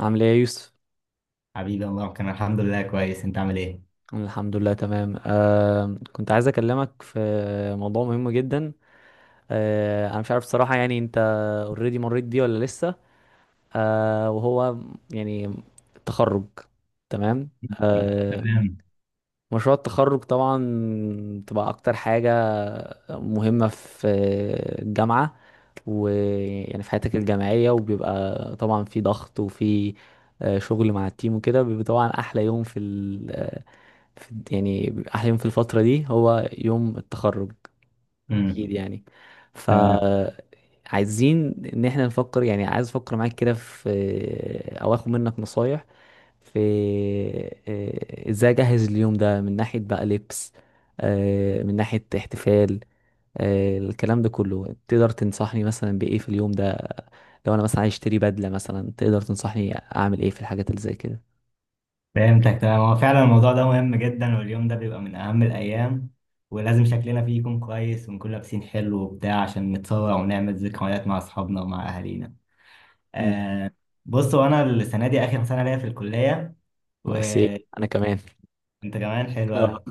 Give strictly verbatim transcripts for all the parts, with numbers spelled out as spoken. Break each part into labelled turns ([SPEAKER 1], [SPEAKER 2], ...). [SPEAKER 1] عامل ايه يا يوسف؟
[SPEAKER 2] حبيبي، الله كان الحمد لله كويس. انت عامل ايه؟
[SPEAKER 1] أنا الحمد لله تمام. آه كنت عايز اكلمك في موضوع مهم جدا. آه انا مش عارف الصراحة، يعني انت اوريدي مريت بيه ولا لسه؟ آه وهو يعني التخرج تمام آه،
[SPEAKER 2] تمام.
[SPEAKER 1] مشروع التخرج طبعا تبقى اكتر حاجة مهمة في الجامعة، ويعني في حياتك الجامعية، وبيبقى طبعا في ضغط وفي آه، شغل مع التيم وكده. بيبقى طبعا احلى يوم في ال آه، في الد- يعني بيبقى احلى يوم في الفترة دي هو يوم التخرج،
[SPEAKER 2] امم.
[SPEAKER 1] اكيد يعني. ف
[SPEAKER 2] تمام.
[SPEAKER 1] عايزين ان احنا نفكر، يعني عايز افكر معاك كده في، آه، او اخد منك نصايح في، آه، ازاي اجهز اليوم ده، من ناحية بقى لبس، آه، من ناحية احتفال، آه، الكلام ده كله. تقدر تنصحني مثلا بإيه في اليوم ده؟ لو انا مثلا عايز اشتري بدلة مثلا، تقدر تنصحني اعمل ايه في الحاجات اللي زي كده؟
[SPEAKER 2] فهمتك. تمام، هو فعلا الموضوع ده مهم جدا، واليوم ده بيبقى من اهم الايام، ولازم شكلنا فيه يكون كويس ونكون لابسين حلو وبتاع، عشان نتصور ونعمل ذكريات مع اصحابنا ومع اهالينا.
[SPEAKER 1] امم.
[SPEAKER 2] آه بصوا، انا السنه دي اخر سنه ليا في الكليه.
[SPEAKER 1] سيم،
[SPEAKER 2] وانت؟
[SPEAKER 1] انا كمان.
[SPEAKER 2] كمان حلو
[SPEAKER 1] اه
[SPEAKER 2] قوي.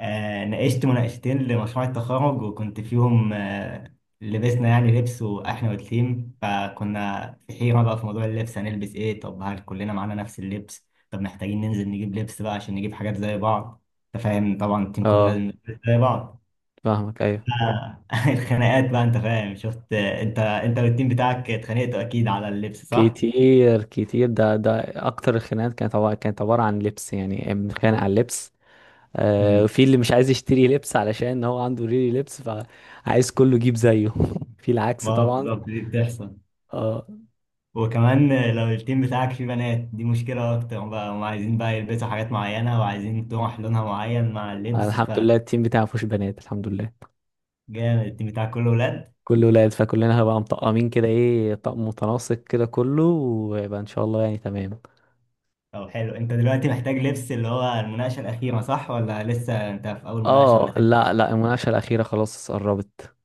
[SPEAKER 2] آه، ناقشت مناقشتين لمشروع التخرج وكنت فيهم. آه، لبسنا يعني لبس، واحنا والتيم فكنا في حيرة بقى في موضوع اللبس. هنلبس ايه؟ طب هل كلنا معانا نفس اللبس؟ طب محتاجين ننزل نجيب لبس بقى عشان نجيب حاجات زي بعض. انت فاهم طبعا، التيم كله
[SPEAKER 1] اه،
[SPEAKER 2] لازم يلبس زي بعض.
[SPEAKER 1] فاهمك ايوه.
[SPEAKER 2] آه، الخناقات بقى، انت فاهم، شفت، آه، انت انت والتيم بتاعك اتخانقتوا اكيد على اللبس، صح؟
[SPEAKER 1] كتير كتير، ده ده اكتر الخناقات كانت، عبارة كانت عبارة عن لبس، يعني بنتخانق على اللبس. آه،
[SPEAKER 2] امم.
[SPEAKER 1] وفي اللي مش عايز يشتري لبس علشان هو عنده ريلي لبس، فعايز كله يجيب زيه. في العكس طبعا.
[SPEAKER 2] بالظبط، دي بتحصل.
[SPEAKER 1] اه،
[SPEAKER 2] وكمان لو التيم بتاعك فيه بنات دي مشكلة أكتر بقى، هم عايزين بقى يلبسوا حاجات معينة وعايزين تروح لونها معين مع اللبس،
[SPEAKER 1] الحمد
[SPEAKER 2] فجامد.
[SPEAKER 1] لله التيم بتاعي مفيهوش بنات، الحمد لله
[SPEAKER 2] التيم بتاعك كله ولاد؟
[SPEAKER 1] كله ولاد، فكلنا هبقى مطقمين كده، ايه، طقم متناسق كده كله، ويبقى ان شاء الله يعني تمام.
[SPEAKER 2] طب حلو. أنت دلوقتي محتاج لبس، اللي هو المناقشة الأخيرة صح، ولا لسه أنت في أول مناقشة ولا
[SPEAKER 1] اه
[SPEAKER 2] تاني؟
[SPEAKER 1] لا لا، المناقشة الأخيرة خلاص قربت.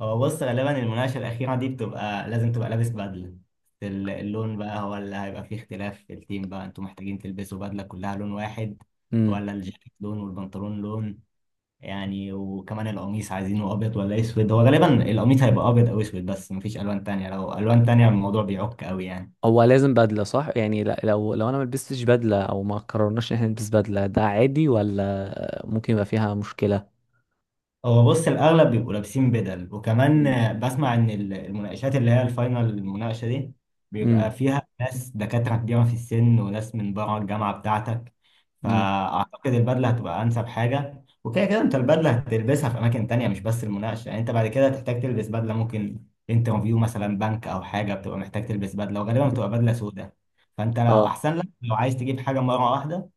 [SPEAKER 2] هو بص، غالبا المناقشة الأخيرة دي بتبقى لازم تبقى لابس بدلة. ال- اللون بقى هو اللي هيبقى فيه اختلاف في التيم. بقى أنتوا محتاجين تلبسوا بدلة كلها لون واحد،
[SPEAKER 1] امم.
[SPEAKER 2] ولا الجاكيت لون والبنطلون لون؟ يعني وكمان القميص عايزينه ابيض ولا اسود؟ هو غالبا القميص هيبقى ابيض او اسود، بس مفيش الوان تانية. لو الوان تانية الموضوع بيعك قوي يعني.
[SPEAKER 1] هو لازم بدلة صح، يعني لا- لو لو انا ما لبستش بدلة، او ما قررناش ان احنا نلبس بدلة، ده عادي ولا ممكن يبقى فيها مشكلة؟
[SPEAKER 2] هو بص، الأغلب بيبقوا لابسين بدل. وكمان
[SPEAKER 1] امم.
[SPEAKER 2] آه، بسمع إن ال- المناقشات اللي هي الفاينل، المناقشة دي بيبقى
[SPEAKER 1] امم.
[SPEAKER 2] فيها ناس دكاترة كبيرة في السن، وناس من بره الجامعة بتاعتك.
[SPEAKER 1] امم.
[SPEAKER 2] فأعتقد البدلة هتبقى أنسب حاجة. وكده كده أنت البدلة هتلبسها في أماكن تانية، مش بس المناقشة. يعني أنت بعد كده هتحتاج تلبس بدلة. ممكن انترفيو مثلا بنك أو حاجة، بتبقى محتاج تلبس بدلة، وغالبا بتبقى بدلة سودة. فأنت لو
[SPEAKER 1] اه.
[SPEAKER 2] أحسن لك، لو عايز تجيب حاجة مرة واحدة،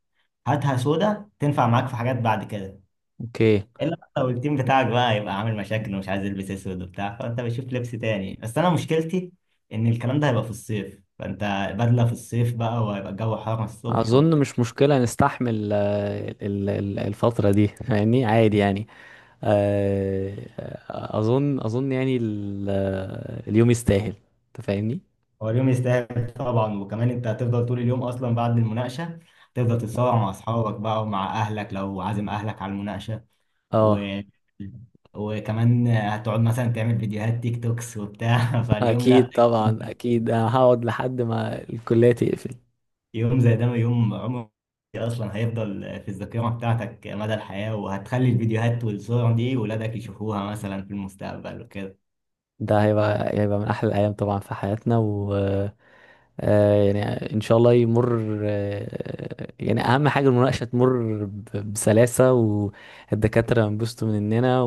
[SPEAKER 2] هاتها سودة، تنفع معاك في حاجات بعد كده.
[SPEAKER 1] اوكي.
[SPEAKER 2] الا لو التيم بتاعك بقى يبقى عامل مشاكل ومش عايز يلبس اسود وبتاع، فانت بتشوف لبس تاني. بس انا مشكلتي ان الكلام ده هيبقى في الصيف. فانت بدله في الصيف بقى، وهيبقى الجو حر الصبح
[SPEAKER 1] اظن
[SPEAKER 2] وبتاع.
[SPEAKER 1] مش مشكله نستحمل آه، ال- ال- الفتره دي، يعني عادي يعني. آه، آه، اظن اظن يعني ال- آه، اليوم يستاهل، انت فاهمني.
[SPEAKER 2] هو اليوم يستاهل طبعا. وكمان انت هتفضل طول اليوم اصلا بعد المناقشه، تفضل تتصور مع اصحابك بقى ومع اهلك لو عازم اهلك على المناقشه.
[SPEAKER 1] اه
[SPEAKER 2] و... وكمان هتقعد مثلا تعمل فيديوهات تيك توكس وبتاع. فاليوم لا.
[SPEAKER 1] اكيد طبعا، اكيد انا هقعد لحد ما الكليه تقفل.
[SPEAKER 2] يوم زي ده يوم عمري، اصلا هيفضل في الذاكره بتاعتك مدى الحياه، وهتخلي الفيديوهات والصور دي ولادك يشوفوها مثلا في المستقبل وكده.
[SPEAKER 1] ده هيبقى هيبقى من احلى الايام طبعا في حياتنا، و آه، يعني ان شاء الله يمر، آه، يعني اهم حاجه المناقشه تمر ب- بسلاسه والدكاتره ينبسطوا مننا،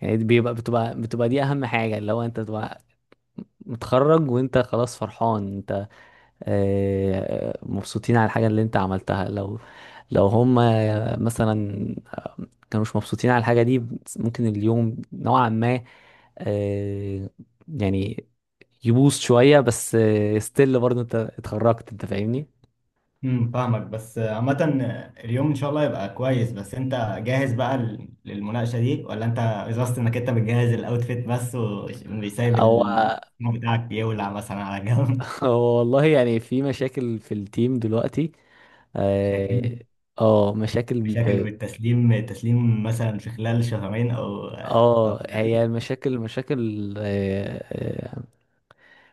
[SPEAKER 1] يعني دي بيبقى بتبقى بتبقى دي اهم حاجه، اللي هو انت تبقى متخرج، وانت خلاص فرحان، انت آه، مبسوطين على الحاجه اللي انت عملتها. لو لو هم مثلا كانوش مبسوطين على الحاجه دي، ممكن اليوم نوعا ما آه، يعني يبوظ شويه، بس ستيل برضه انت اتخرجت، انت فاهمني.
[SPEAKER 2] امم. فاهمك بس عامه. اليوم ان شاء الله يبقى كويس. بس انت جاهز بقى لل- للمناقشه دي، ولا انت قصدت انك انت بتجهز الاوتفيت بس وسايب
[SPEAKER 1] او
[SPEAKER 2] الفيلم بتاعك يولع مثلا على جنب؟
[SPEAKER 1] هو والله يعني في مشاكل في التيم دلوقتي. اه.
[SPEAKER 2] مشاكل.
[SPEAKER 1] آه، مشاكل.
[SPEAKER 2] مشاكل، والتسليم التسليم مثلا في خلال شهرين او او
[SPEAKER 1] اه، هي
[SPEAKER 2] أقل.
[SPEAKER 1] المشاكل مشاكل آه، آه،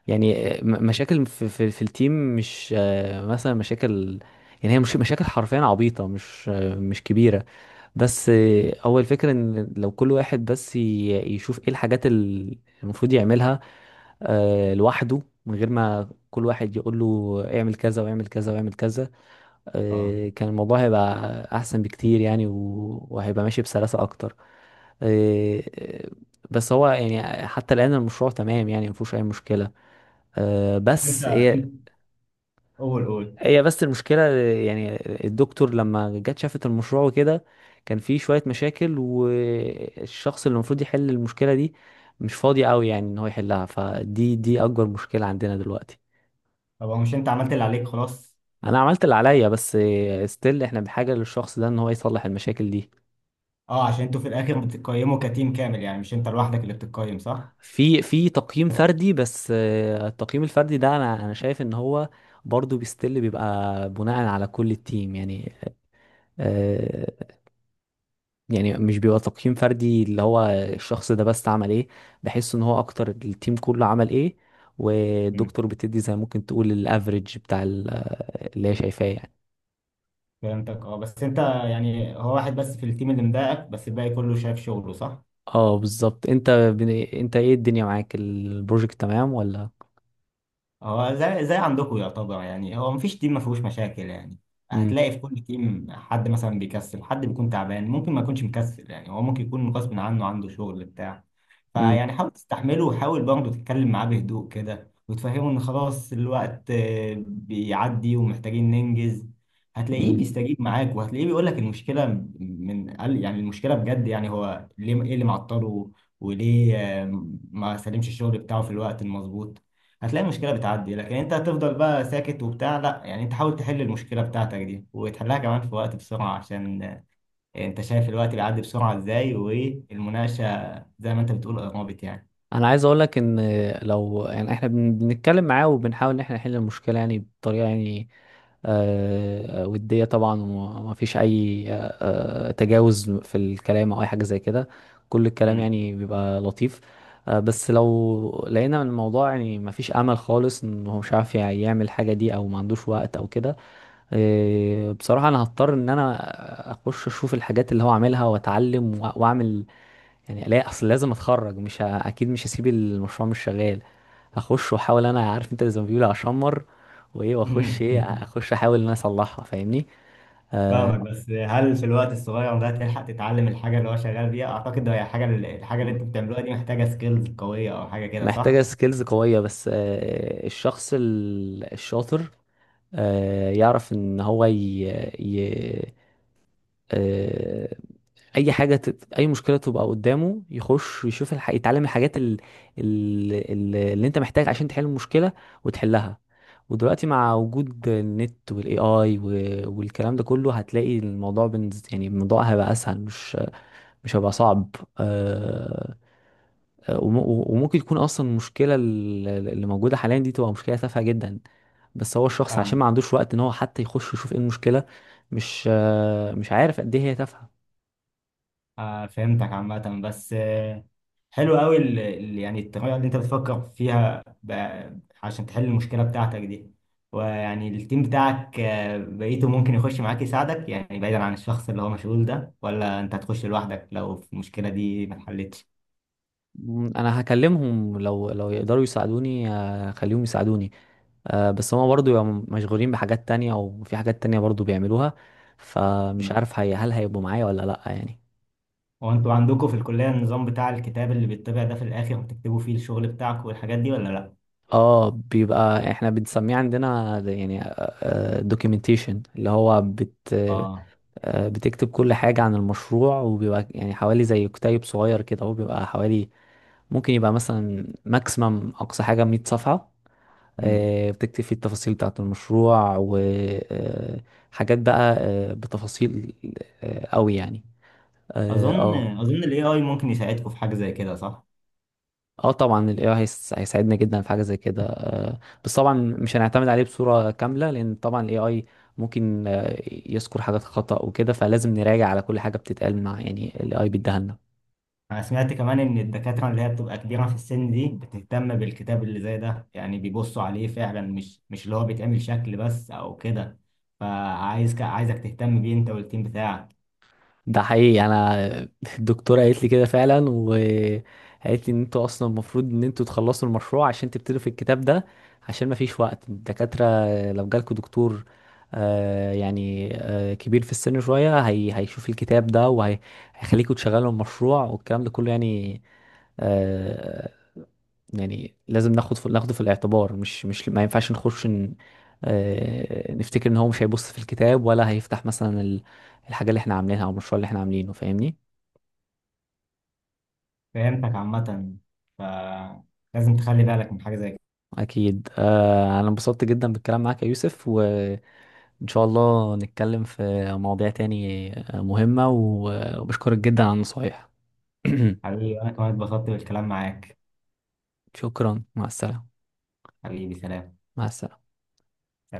[SPEAKER 1] يعني آه، م- مشاكل في, في, في التيم، مش آه، مثلا مشاكل، يعني هي مش مشاكل حرفيا عبيطة، مش آه، مش كبيرة. بس آه، هو الفكرة ان لو كل واحد بس ي- يشوف ايه الحاجات اللي المفروض يعملها آه، لوحده، من غير ما كل واحد يقول له اعمل كذا واعمل كذا واعمل كذا،
[SPEAKER 2] اه.
[SPEAKER 1] آه، كان الموضوع هيبقى احسن بكتير، يعني و- وهيبقى ماشي بسلاسة اكتر. آه، آه، بس هو يعني حتى الان المشروع تمام يعني مفيهوش اي مشكلة. آه،
[SPEAKER 2] انت
[SPEAKER 1] بس هي
[SPEAKER 2] انت قول قول.
[SPEAKER 1] هي بس المشكلة يعني الدكتور لما جت شافت المشروع وكده، كان فيه شوية مشاكل، والشخص اللي المفروض يحل المشكلة دي مش فاضي قوي يعني ان هو يحلها، فدي دي اكبر مشكلة عندنا دلوقتي.
[SPEAKER 2] طب هو مش انت عملت اللي عليك خلاص؟
[SPEAKER 1] انا عملت اللي عليا، بس ستيل احنا بحاجة للشخص ده ان هو يصلح المشاكل دي.
[SPEAKER 2] اه، عشان انتوا في الاخر بتقيموا كتيم كامل، يعني مش انت لوحدك اللي بتقيم، صح؟
[SPEAKER 1] في في تقييم فردي، بس آه، التقييم الفردي ده، انا انا شايف ان هو برضه بيستل، بيبقى بناء على كل التيم يعني. آه، يعني مش بيبقى تقييم فردي اللي هو الشخص ده بس عمل ايه، بحس ان هو اكتر التيم كله عمل ايه،
[SPEAKER 2] مم.
[SPEAKER 1] والدكتور بتدي زي ممكن تقول الافريج بتاع ال- اللي هي شايفاه يعني.
[SPEAKER 2] فهمتك. اه بس انت يعني، هو واحد بس في التيم اللي مضايقك؟ بس الباقي كله شايف شغله، صح؟
[SPEAKER 1] اه بالظبط. انت بن- انت ايه، الدنيا معاك البروجكت تمام ولا؟
[SPEAKER 2] هو زي زي عندكم يعتبر، يعني هو مفيش تيم ما فيهوش مشاكل يعني. هتلاقي في كل تيم حد مثلا بيكسل، حد بيكون تعبان، ممكن ما يكونش مكسل، يعني هو ممكن يكون غصب عنه عنده شغل بتاع. فيعني حاول تستحمله، وحاول برضه تتكلم معاه بهدوء كده وتفهمه ان خلاص الوقت آه، بيعدي، ومحتاجين ننجز. هتلاقيه
[SPEAKER 1] امم.
[SPEAKER 2] بيستجيب معاك، وهتلاقيه بيقول لك المشكلة من قال، يعني المشكلة بجد، يعني هو ليه، ايه اللي معطله، وليه آه، ما سلمش الشغل بتاعه في الوقت المظبوط. هتلاقي المشكلة بتعدي. لكن انت هتفضل بقى ساكت وبتاع؟ لا، يعني انت حاول تحل المشكلة بتاعتك دي وتحلها كمان في وقت، بسرعة، عشان انت شايف الوقت بيعدي بسرعة ازاي، والمناقشة زي ما انت بتقول قربت يعني.
[SPEAKER 1] انا عايز اقول لك ان لو يعني احنا بن- بنتكلم معاه وبنحاول ان احنا نحل المشكله، يعني بطريقه يعني آه، وديه طبعا، وما فيش اي آه، آه، تجاوز في الكلام او اي حاجه زي كده، كل الكلام
[SPEAKER 2] مم.
[SPEAKER 1] يعني بيبقى لطيف. آه، بس لو لقينا ان الموضوع يعني ما فيش امل خالص، ان هو مش عارف يعني يعمل حاجه دي، او ما عندوش وقت او كده، آه، بصراحه انا هضطر ان انا اخش اشوف الحاجات اللي هو عاملها، واتعلم وأ- واعمل، يعني الاقي، اصل لازم اتخرج، مش ه... اكيد مش هسيب المشروع مش شغال، هخش واحاول، انا عارف انت زي ما بيقولوا اشمر، وايه واخش، ايه اخش احاول ان انا اصلحها، فاهمني. آه،
[SPEAKER 2] فاهمك، بس هل في الوقت الصغير ده تلحق تتعلم الحاجة اللي هو شغال بيها؟ أعتقد هي حاجة الحاجة اللي انتوا بتعملوها دي محتاجة سكيلز قوية، أو حاجة كده صح؟
[SPEAKER 1] محتاجة سكيلز قوية، بس آه، الشخص ال- الشاطر آه، يعرف ان هو ي... ي... آه، اي حاجه تت... اي مشكله تبقى قدامه يخش يشوف الح... يتعلم الحاجات ال... ال... ال- اللي انت محتاج عشان تحل المشكله وتحلها. ودلوقتي مع وجود النت والاي اي و... والكلام ده كله، هتلاقي الموضوع بنز... يعني الموضوع هيبقى اسهل، مش مش هيبقى صعب. أه... آه، وم- وممكن تكون اصلا المشكله ال- اللي موجوده حاليا دي تبقى مشكله تافهه جدا، بس هو الشخص عشان ما
[SPEAKER 2] فاهمك.
[SPEAKER 1] عندوش وقت ان هو حتى يخش يشوف ايه المشكله، مش آه، مش عارف قد ايه هي تافهه.
[SPEAKER 2] آه فهمتك عامة، بس آه حلو قوي. ال- ال- يعني الطريقة اللي انت بتفكر فيها ب- عشان تحل المشكلة بتاعتك دي، ويعني التيم بتاعك آه بقيته ممكن يخش معاك يساعدك، يعني بعيدا عن الشخص اللي هو مشغول ده، ولا انت هتخش لوحدك لو في المشكلة دي ما اتحلتش؟
[SPEAKER 1] مم، انا هكلمهم، لو لو يقدروا يساعدوني آه، خليهم يساعدوني. آه، بس هما برضو يبقوا مشغولين بحاجات تانية، او في حاجات تانية برضو بيعملوها، فمش
[SPEAKER 2] مم.
[SPEAKER 1] عارف هي، هل هيبقوا معايا ولا لا يعني.
[SPEAKER 2] هو انتوا عندكم في الكلية النظام بتاع الكتاب اللي بيتبع ده في الآخر، بتكتبوا فيه الشغل بتاعك والحاجات دي ولا لا؟
[SPEAKER 1] اه بيبقى، احنا بنسميه عندنا ده يعني دوكيومنتيشن، اللي هو بت
[SPEAKER 2] اه.
[SPEAKER 1] آه، بتكتب كل حاجة عن المشروع، وبيبقى يعني حوالي زي كتيب صغير كده، هو بيبقى حوالي، ممكن يبقى مثلا ماكسيمم اقصى حاجة مية صفحة.
[SPEAKER 2] مم.
[SPEAKER 1] آه، بتكتب فيه التفاصيل بتاعة المشروع، وحاجات بقى آه، بتفاصيل آه، قوي يعني. اه
[SPEAKER 2] أظن
[SPEAKER 1] اه.
[SPEAKER 2] أظن ال اي آي ممكن يساعدكم في حاجة زي كده، صح؟
[SPEAKER 1] آه طبعا ال إي آي هيس- هيساعدنا جدا في حاجة زي كده، آه، بس طبعا مش هنعتمد عليه بصورة كاملة، لأن طبعا ال إي آي ممكن آه، يذكر حاجات خطأ وكده، فلازم نراجع على كل حاجة بتتقال مع، يعني ال إي آي بيديها لنا.
[SPEAKER 2] أنا سمعت كمان إن الدكاترة اللي هي بتبقى كبيرة في السن دي بتهتم بالكتاب اللي زي ده، يعني بيبصوا عليه فعلا، مش مش اللي هو بيتعمل شكل بس أو كده. فعايز عايزك تهتم بيه أنت والتيم بتاعك.
[SPEAKER 1] ده حقيقي، انا الدكتوره قالت لي كده فعلا، وقالت لي ان انتوا اصلا المفروض ان انتوا تخلصوا المشروع عشان تبتدوا في الكتاب ده، عشان ما فيش وقت. الدكاتره لو جالكوا دكتور آه يعني آه كبير في السن شويه، هي هيشوف الكتاب ده، وهيخليكوا تشغلوا المشروع والكلام ده كله يعني آه، يعني لازم ناخد في ناخده في الاعتبار، مش مش ما ينفعش نخش ن... آه، نفتكر ان هو مش هيبص في الكتاب، ولا هيفتح مثلا ال- الحاجة اللي احنا عاملينها، او المشروع اللي احنا عاملينه، فاهمني.
[SPEAKER 2] فهمتك عامة، فلازم تخلي بالك من حاجة زي كده.
[SPEAKER 1] اكيد. آه، انا انبسطت جدا بالكلام معاك يا يوسف، وان شاء الله نتكلم في مواضيع تاني آه، مهمة، و- وبشكرك جدا على النصايح.
[SPEAKER 2] حبيبي، أنا كمان اتبسطت بالكلام معاك.
[SPEAKER 1] شكرا، مع السلامة.
[SPEAKER 2] حبيبي، سلام.
[SPEAKER 1] مع السلامة.
[SPEAKER 2] سلام.